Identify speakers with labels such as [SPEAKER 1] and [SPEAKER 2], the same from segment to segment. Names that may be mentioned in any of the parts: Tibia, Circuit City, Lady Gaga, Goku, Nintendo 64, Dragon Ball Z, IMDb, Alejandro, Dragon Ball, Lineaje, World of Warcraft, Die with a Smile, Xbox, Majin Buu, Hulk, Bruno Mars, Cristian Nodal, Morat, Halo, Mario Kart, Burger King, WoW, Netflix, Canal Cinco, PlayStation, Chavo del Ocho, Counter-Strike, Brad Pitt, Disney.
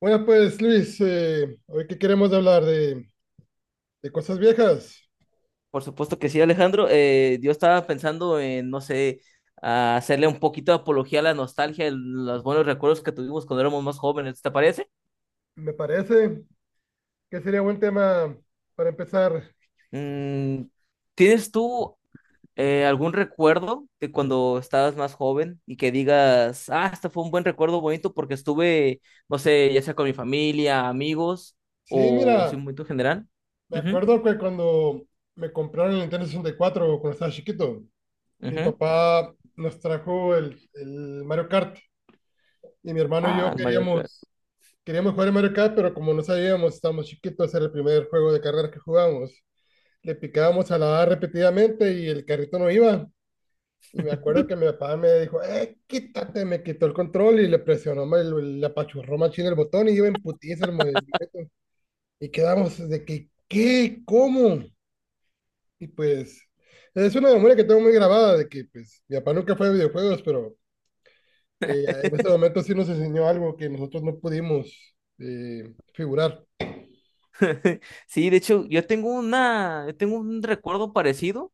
[SPEAKER 1] Bueno, pues Luis, hoy que queremos hablar de cosas viejas,
[SPEAKER 2] Por supuesto que sí, Alejandro. Yo estaba pensando en, no sé, a hacerle un poquito de apología a la nostalgia, los buenos recuerdos que tuvimos cuando éramos más jóvenes, ¿te parece?
[SPEAKER 1] me parece que sería buen tema para empezar.
[SPEAKER 2] Mm, ¿Tienes tú algún recuerdo de cuando estabas más joven y que digas, ah, este fue un buen recuerdo bonito porque estuve, no sé, ya sea con mi familia, amigos
[SPEAKER 1] Sí,
[SPEAKER 2] o así un
[SPEAKER 1] mira,
[SPEAKER 2] momento general?
[SPEAKER 1] me
[SPEAKER 2] Ujú,
[SPEAKER 1] acuerdo que cuando me compraron el Nintendo 64, cuando estaba chiquito, mi
[SPEAKER 2] ujú.
[SPEAKER 1] papá nos trajo el Mario Kart y mi hermano y yo
[SPEAKER 2] Ah, el Mario Kart.
[SPEAKER 1] queríamos jugar el Mario Kart, pero como no sabíamos, estábamos chiquitos, era el primer juego de carreras que jugábamos. Le picábamos a la A repetidamente y el carrito no iba. Y me acuerdo que mi papá me dijo, quítate, me quitó el control y le presionó, le apachurró machín el botón y iba en putiza el movimiento. Y quedamos de que, ¿qué? ¿Cómo? Y pues, es una memoria que tengo muy grabada de que, pues, mi papá nunca fue de videojuegos, pero en ese momento sí nos enseñó algo que nosotros no pudimos figurar.
[SPEAKER 2] Sí, de hecho, yo tengo un recuerdo parecido,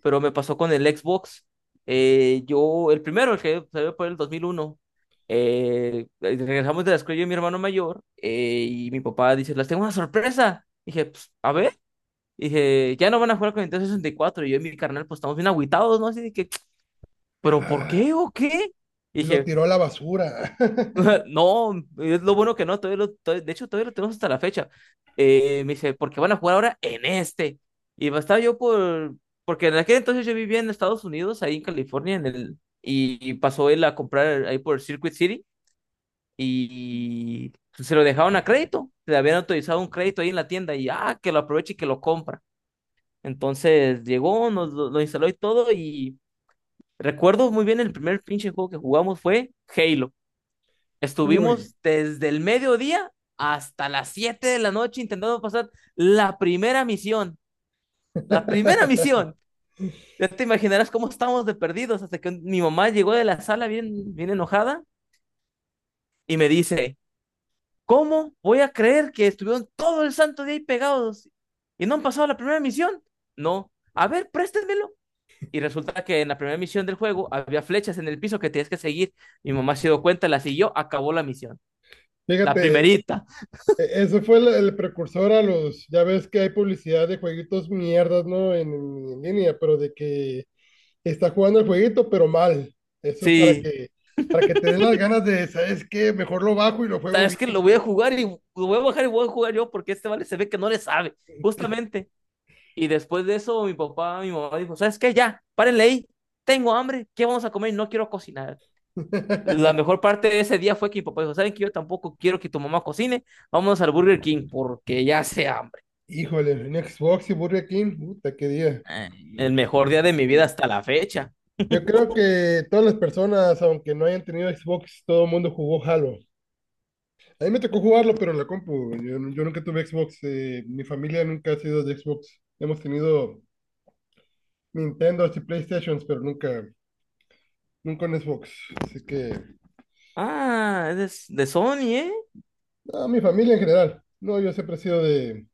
[SPEAKER 2] pero me pasó con el Xbox. Yo, el primero, el que salió por el 2001, regresamos de la escuela yo y mi hermano mayor, y mi papá dice, las tengo una sorpresa. Dije, "Pues, a ver". Dije, ya no van a jugar con Nintendo 64. Y cuatro. Y yo y mi carnal, pues estamos bien agüitados, ¿no? Así de que, ¿pero por
[SPEAKER 1] Ah,
[SPEAKER 2] qué o qué?
[SPEAKER 1] y lo
[SPEAKER 2] Dije,
[SPEAKER 1] tiró a la basura.
[SPEAKER 2] no, es lo bueno que no, de hecho, todavía lo tenemos hasta la fecha. Me dice, porque van a jugar ahora en este. Y pues, estaba yo por, porque en aquel entonces yo vivía en Estados Unidos, ahí en California, en y pasó él a comprar ahí por Circuit City y se lo dejaron a crédito, le habían autorizado un crédito ahí en la tienda y que lo aproveche y que lo compra. Entonces llegó, lo instaló y todo y recuerdo muy bien el primer pinche juego que jugamos fue Halo.
[SPEAKER 1] Uy.
[SPEAKER 2] Estuvimos desde el mediodía hasta las 7 de la noche intentando pasar la primera misión. La primera misión. Ya te imaginarás cómo estábamos de perdidos, hasta que mi mamá llegó de la sala bien, bien enojada y me dice, ¿cómo voy a creer que estuvieron todo el santo día ahí pegados y no han pasado la primera misión? No. A ver, préstenmelo. Y resulta que en la primera misión del juego había flechas en el piso que tienes que seguir. Mi mamá se dio cuenta, las siguió, acabó la misión. La
[SPEAKER 1] Fíjate,
[SPEAKER 2] primerita.
[SPEAKER 1] Eso fue el precursor a los, ya ves que hay publicidad de jueguitos mierdas, ¿no? En línea, pero de que está jugando el jueguito, pero mal. Eso
[SPEAKER 2] Sí,
[SPEAKER 1] para que te den las ganas de, ¿sabes qué? Mejor lo bajo y lo juego
[SPEAKER 2] es
[SPEAKER 1] bien,
[SPEAKER 2] que lo voy a jugar y lo voy a bajar y voy a jugar yo, porque este vale se ve que no le sabe,
[SPEAKER 1] sí.
[SPEAKER 2] justamente. Y después de eso, mi papá, mi mamá dijo, ¿sabes qué? Ya, párenle ahí, tengo hambre, ¿qué vamos a comer? No quiero cocinar. La mejor parte de ese día fue que mi papá dijo, ¿saben que yo tampoco quiero que tu mamá cocine. Vamos al Burger King porque ya hace hambre.
[SPEAKER 1] Híjole, un Xbox y Burger King, puta, qué día.
[SPEAKER 2] El mejor día de mi vida
[SPEAKER 1] Sí.
[SPEAKER 2] hasta la fecha.
[SPEAKER 1] Yo creo que todas las personas, aunque no hayan tenido Xbox, todo el mundo jugó Halo. A mí me tocó jugarlo, pero en la compu. Yo nunca tuve Xbox. Mi familia nunca ha sido de Xbox. Hemos tenido Nintendo y PlayStation, pero nunca, nunca un Xbox. Así que,
[SPEAKER 2] Ah, es de Sony, ¿eh?
[SPEAKER 1] a mi familia en general. No, yo siempre he sido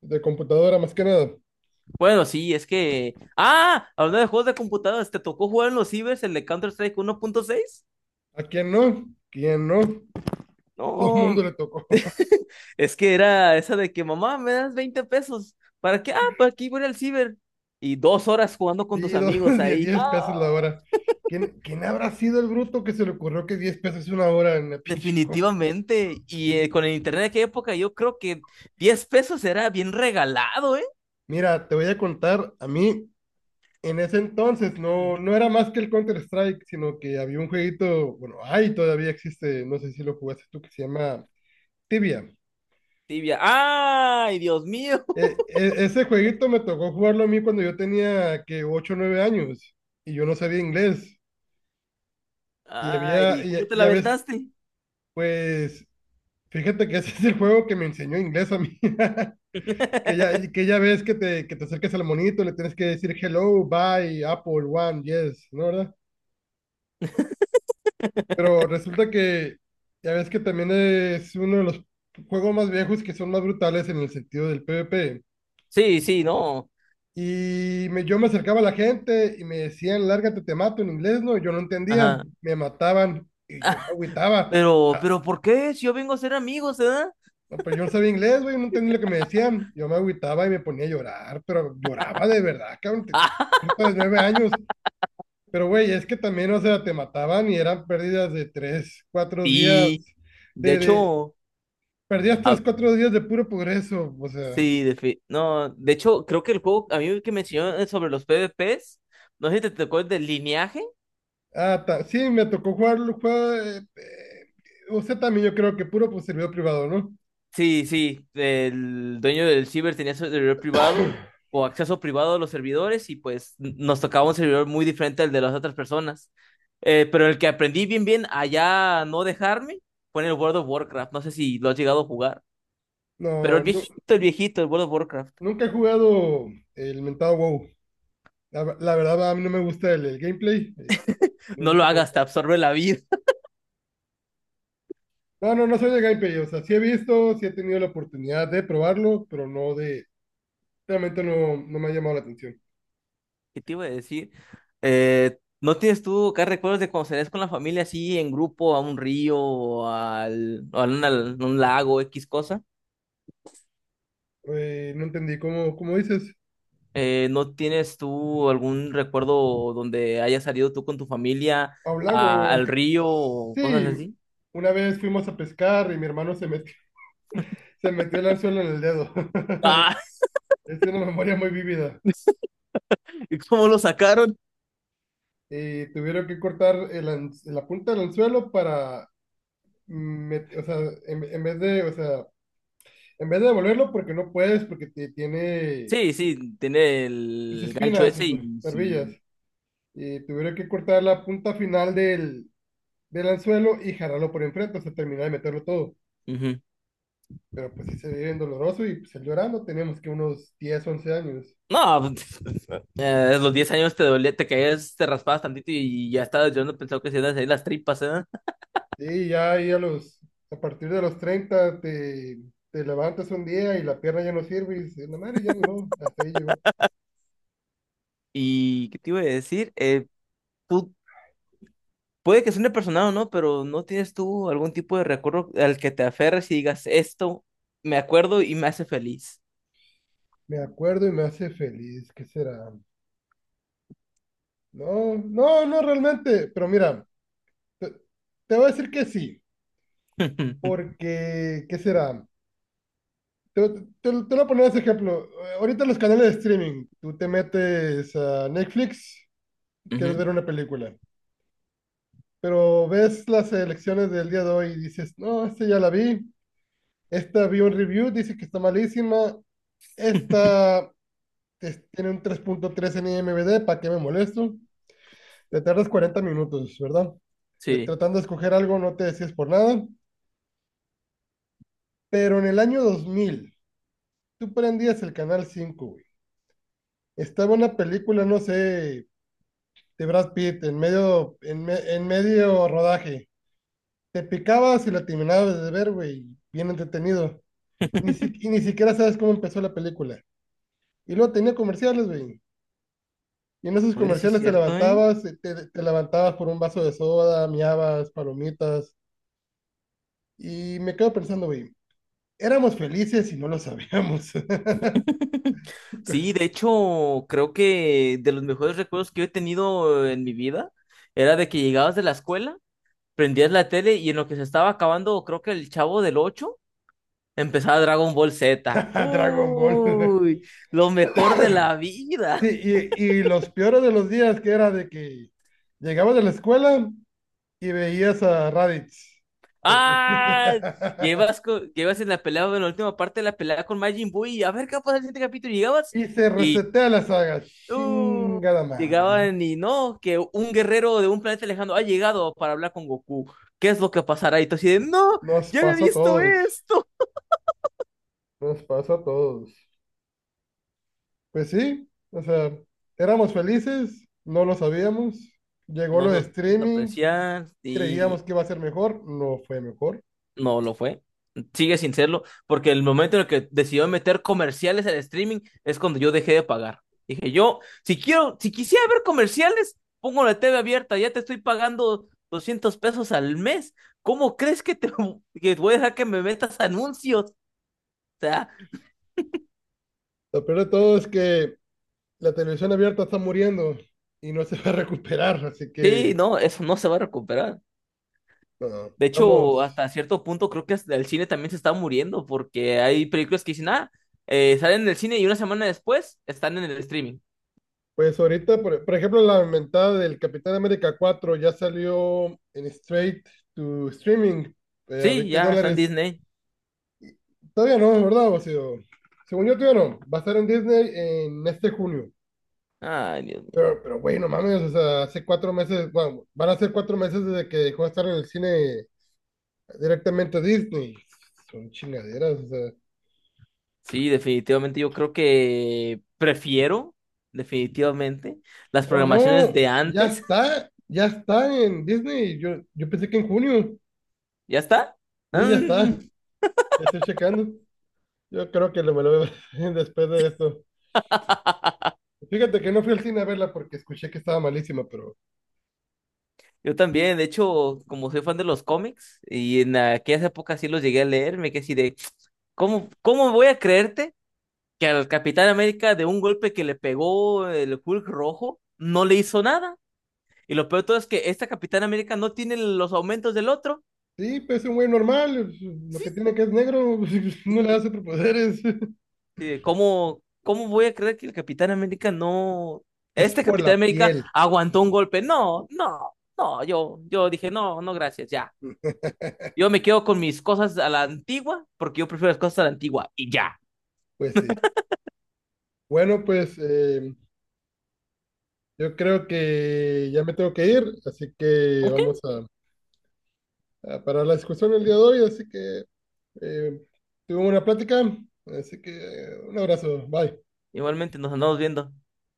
[SPEAKER 1] de computadora más que nada.
[SPEAKER 2] Bueno, sí, es que... Ah, hablando de juegos de computadoras, ¿te tocó jugar en los cibers el de Counter-Strike 1.6?
[SPEAKER 1] ¿A quién no? ¿Quién no? Todo el mundo
[SPEAKER 2] No,
[SPEAKER 1] le tocó.
[SPEAKER 2] es que era esa de que mamá, me das 20 pesos. ¿Para qué? Ah, para aquí voy al ciber. Y dos horas jugando con
[SPEAKER 1] Sí,
[SPEAKER 2] tus amigos ahí.
[SPEAKER 1] 10,
[SPEAKER 2] ¡Ah!
[SPEAKER 1] pesos la hora. ¿Quién, quién habrá sido el bruto que se le ocurrió que 10 pesos es una hora en la pinche compu?
[SPEAKER 2] Definitivamente. Y con el internet de aquella época, yo creo que 10 pesos era bien regalado, ¿eh?
[SPEAKER 1] Mira, te voy a contar, a mí en ese entonces
[SPEAKER 2] Ujú.
[SPEAKER 1] no era más que el Counter-Strike, sino que había un jueguito, bueno, ahí todavía existe, no sé si lo jugaste tú, que se llama Tibia.
[SPEAKER 2] Tibia. ¡Ay, Dios mío!
[SPEAKER 1] Ese jueguito me tocó jugarlo a mí cuando yo tenía que 8 o 9 años y yo no sabía inglés. Y había,
[SPEAKER 2] ¡Ay,
[SPEAKER 1] y,
[SPEAKER 2] cómo te la
[SPEAKER 1] ya ves,
[SPEAKER 2] aventaste!
[SPEAKER 1] pues fíjate que ese es el juego que me enseñó inglés a mí. Que ya ves que te acerques al monito, le tienes que decir hello, bye, Apple, one, yes, ¿no, verdad? Pero resulta que ya ves que también es uno de los juegos más viejos que son más brutales en el sentido del PvP.
[SPEAKER 2] Sí, sí, no.
[SPEAKER 1] Yo me acercaba a la gente y me decían, lárgate, te mato en inglés, ¿no? Y yo no entendía,
[SPEAKER 2] Ajá.
[SPEAKER 1] me mataban y yo me agüitaba.
[SPEAKER 2] Pero,
[SPEAKER 1] Ah,
[SPEAKER 2] pero, ¿por qué? Si yo vengo a ser amigos, ¿verdad?
[SPEAKER 1] no, pero yo no sabía inglés, güey, no entendía lo que me decían. Yo me agüitaba y me ponía a llorar, pero lloraba de verdad, cabrón,
[SPEAKER 2] Ah,
[SPEAKER 1] ahorita de nueve años. Pero, güey, es que también, o sea, te mataban y eran pérdidas de tres, cuatro días,
[SPEAKER 2] sí. De
[SPEAKER 1] de, de,
[SPEAKER 2] hecho,
[SPEAKER 1] perdías
[SPEAKER 2] a-
[SPEAKER 1] tres, cuatro días de puro progreso, o sea,
[SPEAKER 2] Sí, no, de hecho, creo que el juego, a mí el que me enseñó sobre los PvPs, no sé si te tocó el del lineaje.
[SPEAKER 1] Ah, sí, me tocó jugarlo, juega, o sea, también yo creo que puro pues servidor privado, ¿no?
[SPEAKER 2] Sí, sí, el dueño del ciber tenía su servidor privado o acceso privado a los servidores y pues nos tocaba un servidor muy diferente al de las otras personas. Pero el que aprendí bien, bien, allá no dejarme, fue en el World of Warcraft. No sé si lo has llegado a jugar, pero
[SPEAKER 1] No,
[SPEAKER 2] el
[SPEAKER 1] nu-
[SPEAKER 2] viejito, el viejito, el World of Warcraft.
[SPEAKER 1] nunca he jugado el mentado WoW. La la verdad, a mí no me gusta el gameplay. No,
[SPEAKER 2] No lo
[SPEAKER 1] nunca me
[SPEAKER 2] hagas,
[SPEAKER 1] gusta.
[SPEAKER 2] te absorbe la vida.
[SPEAKER 1] No, no, no soy de gameplay. O sea, sí he visto, sí he tenido la oportunidad de probarlo, pero no de... Realmente no, no me ha llamado la atención.
[SPEAKER 2] ¿Qué te iba a decir? ¿No tienes tú acá recuerdos de cuando salías con la familia así en grupo a un río o al, o a un lago, X cosa?
[SPEAKER 1] No entendí cómo, cómo dices.
[SPEAKER 2] ¿No tienes tú algún recuerdo donde hayas salido tú con tu familia
[SPEAKER 1] A un lago.
[SPEAKER 2] al río o cosas
[SPEAKER 1] Sí,
[SPEAKER 2] así?
[SPEAKER 1] una vez fuimos a pescar y mi hermano se metió el anzuelo en el dedo.
[SPEAKER 2] Ah,
[SPEAKER 1] Es una memoria muy vívida.
[SPEAKER 2] ¿Y cómo lo sacaron?
[SPEAKER 1] Y tuvieron que cortar la punta del anzuelo para, o sea, en vez de, o sea, en vez de devolverlo porque no puedes, porque tiene
[SPEAKER 2] Sí, sí, tiene
[SPEAKER 1] sus
[SPEAKER 2] el gancho
[SPEAKER 1] espinas,
[SPEAKER 2] ese
[SPEAKER 1] sus
[SPEAKER 2] y
[SPEAKER 1] barbillas.
[SPEAKER 2] sí.
[SPEAKER 1] Y tuvieron que cortar la punta final del anzuelo y jalarlo por enfrente, o sea, terminar de meterlo todo.
[SPEAKER 2] Ujú.
[SPEAKER 1] Pero pues sí se ve bien doloroso y pues él llorando, teníamos que unos 10 u 11 años.
[SPEAKER 2] No, a los 10 años te dolía, te caías, te raspabas tantito y ya estabas llorando, pensaba que se iban a salir las tripas, ¿eh?
[SPEAKER 1] Sí, ya ahí a los, a partir de los 30 te, te levantas un día y la pierna ya no sirve y dices, no madre, ya ni no, hasta ahí llegó.
[SPEAKER 2] ¿Y qué te iba a decir? Pu- Puede que suene personal o no, pero ¿no tienes tú algún tipo de recuerdo al que te aferres y digas, esto me acuerdo y me hace feliz?
[SPEAKER 1] Me acuerdo y me hace feliz, ¿qué será? No, no, no realmente, pero mira, te, te voy a decir que sí, porque, ¿qué será? Te lo voy a poner ese ejemplo. Ahorita los canales de streaming, tú te metes a Netflix, quieres
[SPEAKER 2] Ujú,
[SPEAKER 1] ver una película, pero ves las elecciones del día de hoy y dices, no, esta ya la vi, esta vi un review, dice que está malísima. Esta tiene un 3.3 en IMDb, ¿para qué me molesto? Te tardas 40 minutos, ¿verdad?
[SPEAKER 2] sí.
[SPEAKER 1] Tratando de escoger algo no te decías por nada. Pero en el año 2000, tú prendías el canal cinco. Güey. Estaba una película, no sé, de Brad Pitt en medio, en medio rodaje. Te picabas y la terminabas de ver, güey. Bien entretenido. Ni si- Y ni siquiera sabes cómo empezó la película. Y luego tenía comerciales, güey. Y en esos
[SPEAKER 2] Oye, sí es
[SPEAKER 1] comerciales te
[SPEAKER 2] cierto, ¿eh?
[SPEAKER 1] levantabas, te levantabas por un vaso de soda, miabas, palomitas. Y me quedo pensando, güey, éramos felices y no lo sabíamos.
[SPEAKER 2] Sí, de hecho, creo que de los mejores recuerdos que yo he tenido en mi vida era de que llegabas de la escuela, prendías la tele y en lo que se estaba acabando, creo que el Chavo del Ocho, empezaba Dragon Ball Z.
[SPEAKER 1] Dragon Ball.
[SPEAKER 2] Uy, lo mejor de la
[SPEAKER 1] Sí,
[SPEAKER 2] vida.
[SPEAKER 1] y los peores de los días que era de que llegabas de la escuela y veías a Raditz. Porque.
[SPEAKER 2] Ah, llevas, llevas en la pelea, en la última parte de la pelea con Majin Buu y a ver qué pasa en el siguiente capítulo. Y Llegabas
[SPEAKER 1] Y se
[SPEAKER 2] y
[SPEAKER 1] resetea la saga.
[SPEAKER 2] uh,
[SPEAKER 1] Chingada madre.
[SPEAKER 2] llegaban y no, que un guerrero de un planeta lejano ha llegado para hablar con Goku. ¿Qué es lo que pasará? Y tú así de, no,
[SPEAKER 1] Nos
[SPEAKER 2] ya había
[SPEAKER 1] pasó a
[SPEAKER 2] visto
[SPEAKER 1] todos.
[SPEAKER 2] esto.
[SPEAKER 1] Nos pasó a todos. Pues sí, o sea, éramos felices, no lo sabíamos. Llegó
[SPEAKER 2] Nos
[SPEAKER 1] lo de
[SPEAKER 2] vamos a
[SPEAKER 1] streaming,
[SPEAKER 2] apreciar y
[SPEAKER 1] creíamos que iba a ser mejor, no fue mejor.
[SPEAKER 2] no lo fue. Sigue sin serlo, porque el momento en el que decidió meter comerciales al streaming es cuando yo dejé de pagar. Dije, yo, si quisiera ver comerciales, pongo la TV abierta, ya te estoy pagando 200 pesos al mes. ¿Cómo crees que te que voy a dejar que me metas anuncios? O sea,
[SPEAKER 1] Lo peor de todo es que la televisión abierta está muriendo y no se va a recuperar, así
[SPEAKER 2] sí,
[SPEAKER 1] que
[SPEAKER 2] no, eso no se va a recuperar.
[SPEAKER 1] no,
[SPEAKER 2] De hecho,
[SPEAKER 1] vamos.
[SPEAKER 2] hasta cierto punto creo que hasta el cine también se está muriendo, porque hay películas que dicen, ah, salen en el cine y una semana después están en el streaming.
[SPEAKER 1] Pues ahorita, por ejemplo, la inventada del Capitán América 4 ya salió en straight to streaming a
[SPEAKER 2] Sí,
[SPEAKER 1] 20
[SPEAKER 2] ya están en
[SPEAKER 1] dólares.
[SPEAKER 2] Disney.
[SPEAKER 1] Todavía no, ¿verdad, Basilio? Según yo, todavía no. Va a estar en Disney en este junio.
[SPEAKER 2] Ay, Dios mío.
[SPEAKER 1] Pero güey, no mames, o sea, hace 4 meses, bueno, van a ser 4 meses desde que dejó de estar en el cine directamente Disney. Son chingaderas, o sea.
[SPEAKER 2] Sí, definitivamente yo creo que prefiero, definitivamente, las
[SPEAKER 1] Oh,
[SPEAKER 2] programaciones
[SPEAKER 1] no,
[SPEAKER 2] de antes.
[SPEAKER 1] ya está en Disney. Yo pensé que en junio.
[SPEAKER 2] ¿Ya está?
[SPEAKER 1] Sí, ya está,
[SPEAKER 2] Mm,
[SPEAKER 1] ya estoy checando. Yo creo que lo me lo veo después de esto. Fíjate que no fui al cine a verla porque escuché que estaba malísima, pero
[SPEAKER 2] yo también, de hecho, como soy fan de los cómics y en aquellas épocas sí los llegué a leer, me quedé así de, ¿cómo voy a creerte que al Capitán América de un golpe que le pegó el Hulk rojo no le hizo nada? Y lo peor de todo es que esta Capitán América no tiene los aumentos del otro.
[SPEAKER 1] sí, pues es un güey normal, lo
[SPEAKER 2] Sí,
[SPEAKER 1] que tiene que es negro, no le da superpoderes.
[SPEAKER 2] sí, de ¿cómo voy a creer que el Capitán América no...
[SPEAKER 1] Es
[SPEAKER 2] Este
[SPEAKER 1] por la
[SPEAKER 2] Capitán América
[SPEAKER 1] piel,
[SPEAKER 2] aguantó un golpe. No, no, no, yo dije, no, no, gracias, ya. Yo me quedo con mis cosas a la antigua, porque yo prefiero las cosas a la antigua, y ya.
[SPEAKER 1] pues sí. Bueno, pues yo creo que ya me tengo que ir, así que
[SPEAKER 2] Ok,
[SPEAKER 1] vamos a parar la discusión el día de hoy, así que eh, tuve una plática, así que un abrazo, bye.
[SPEAKER 2] igualmente nos andamos viendo.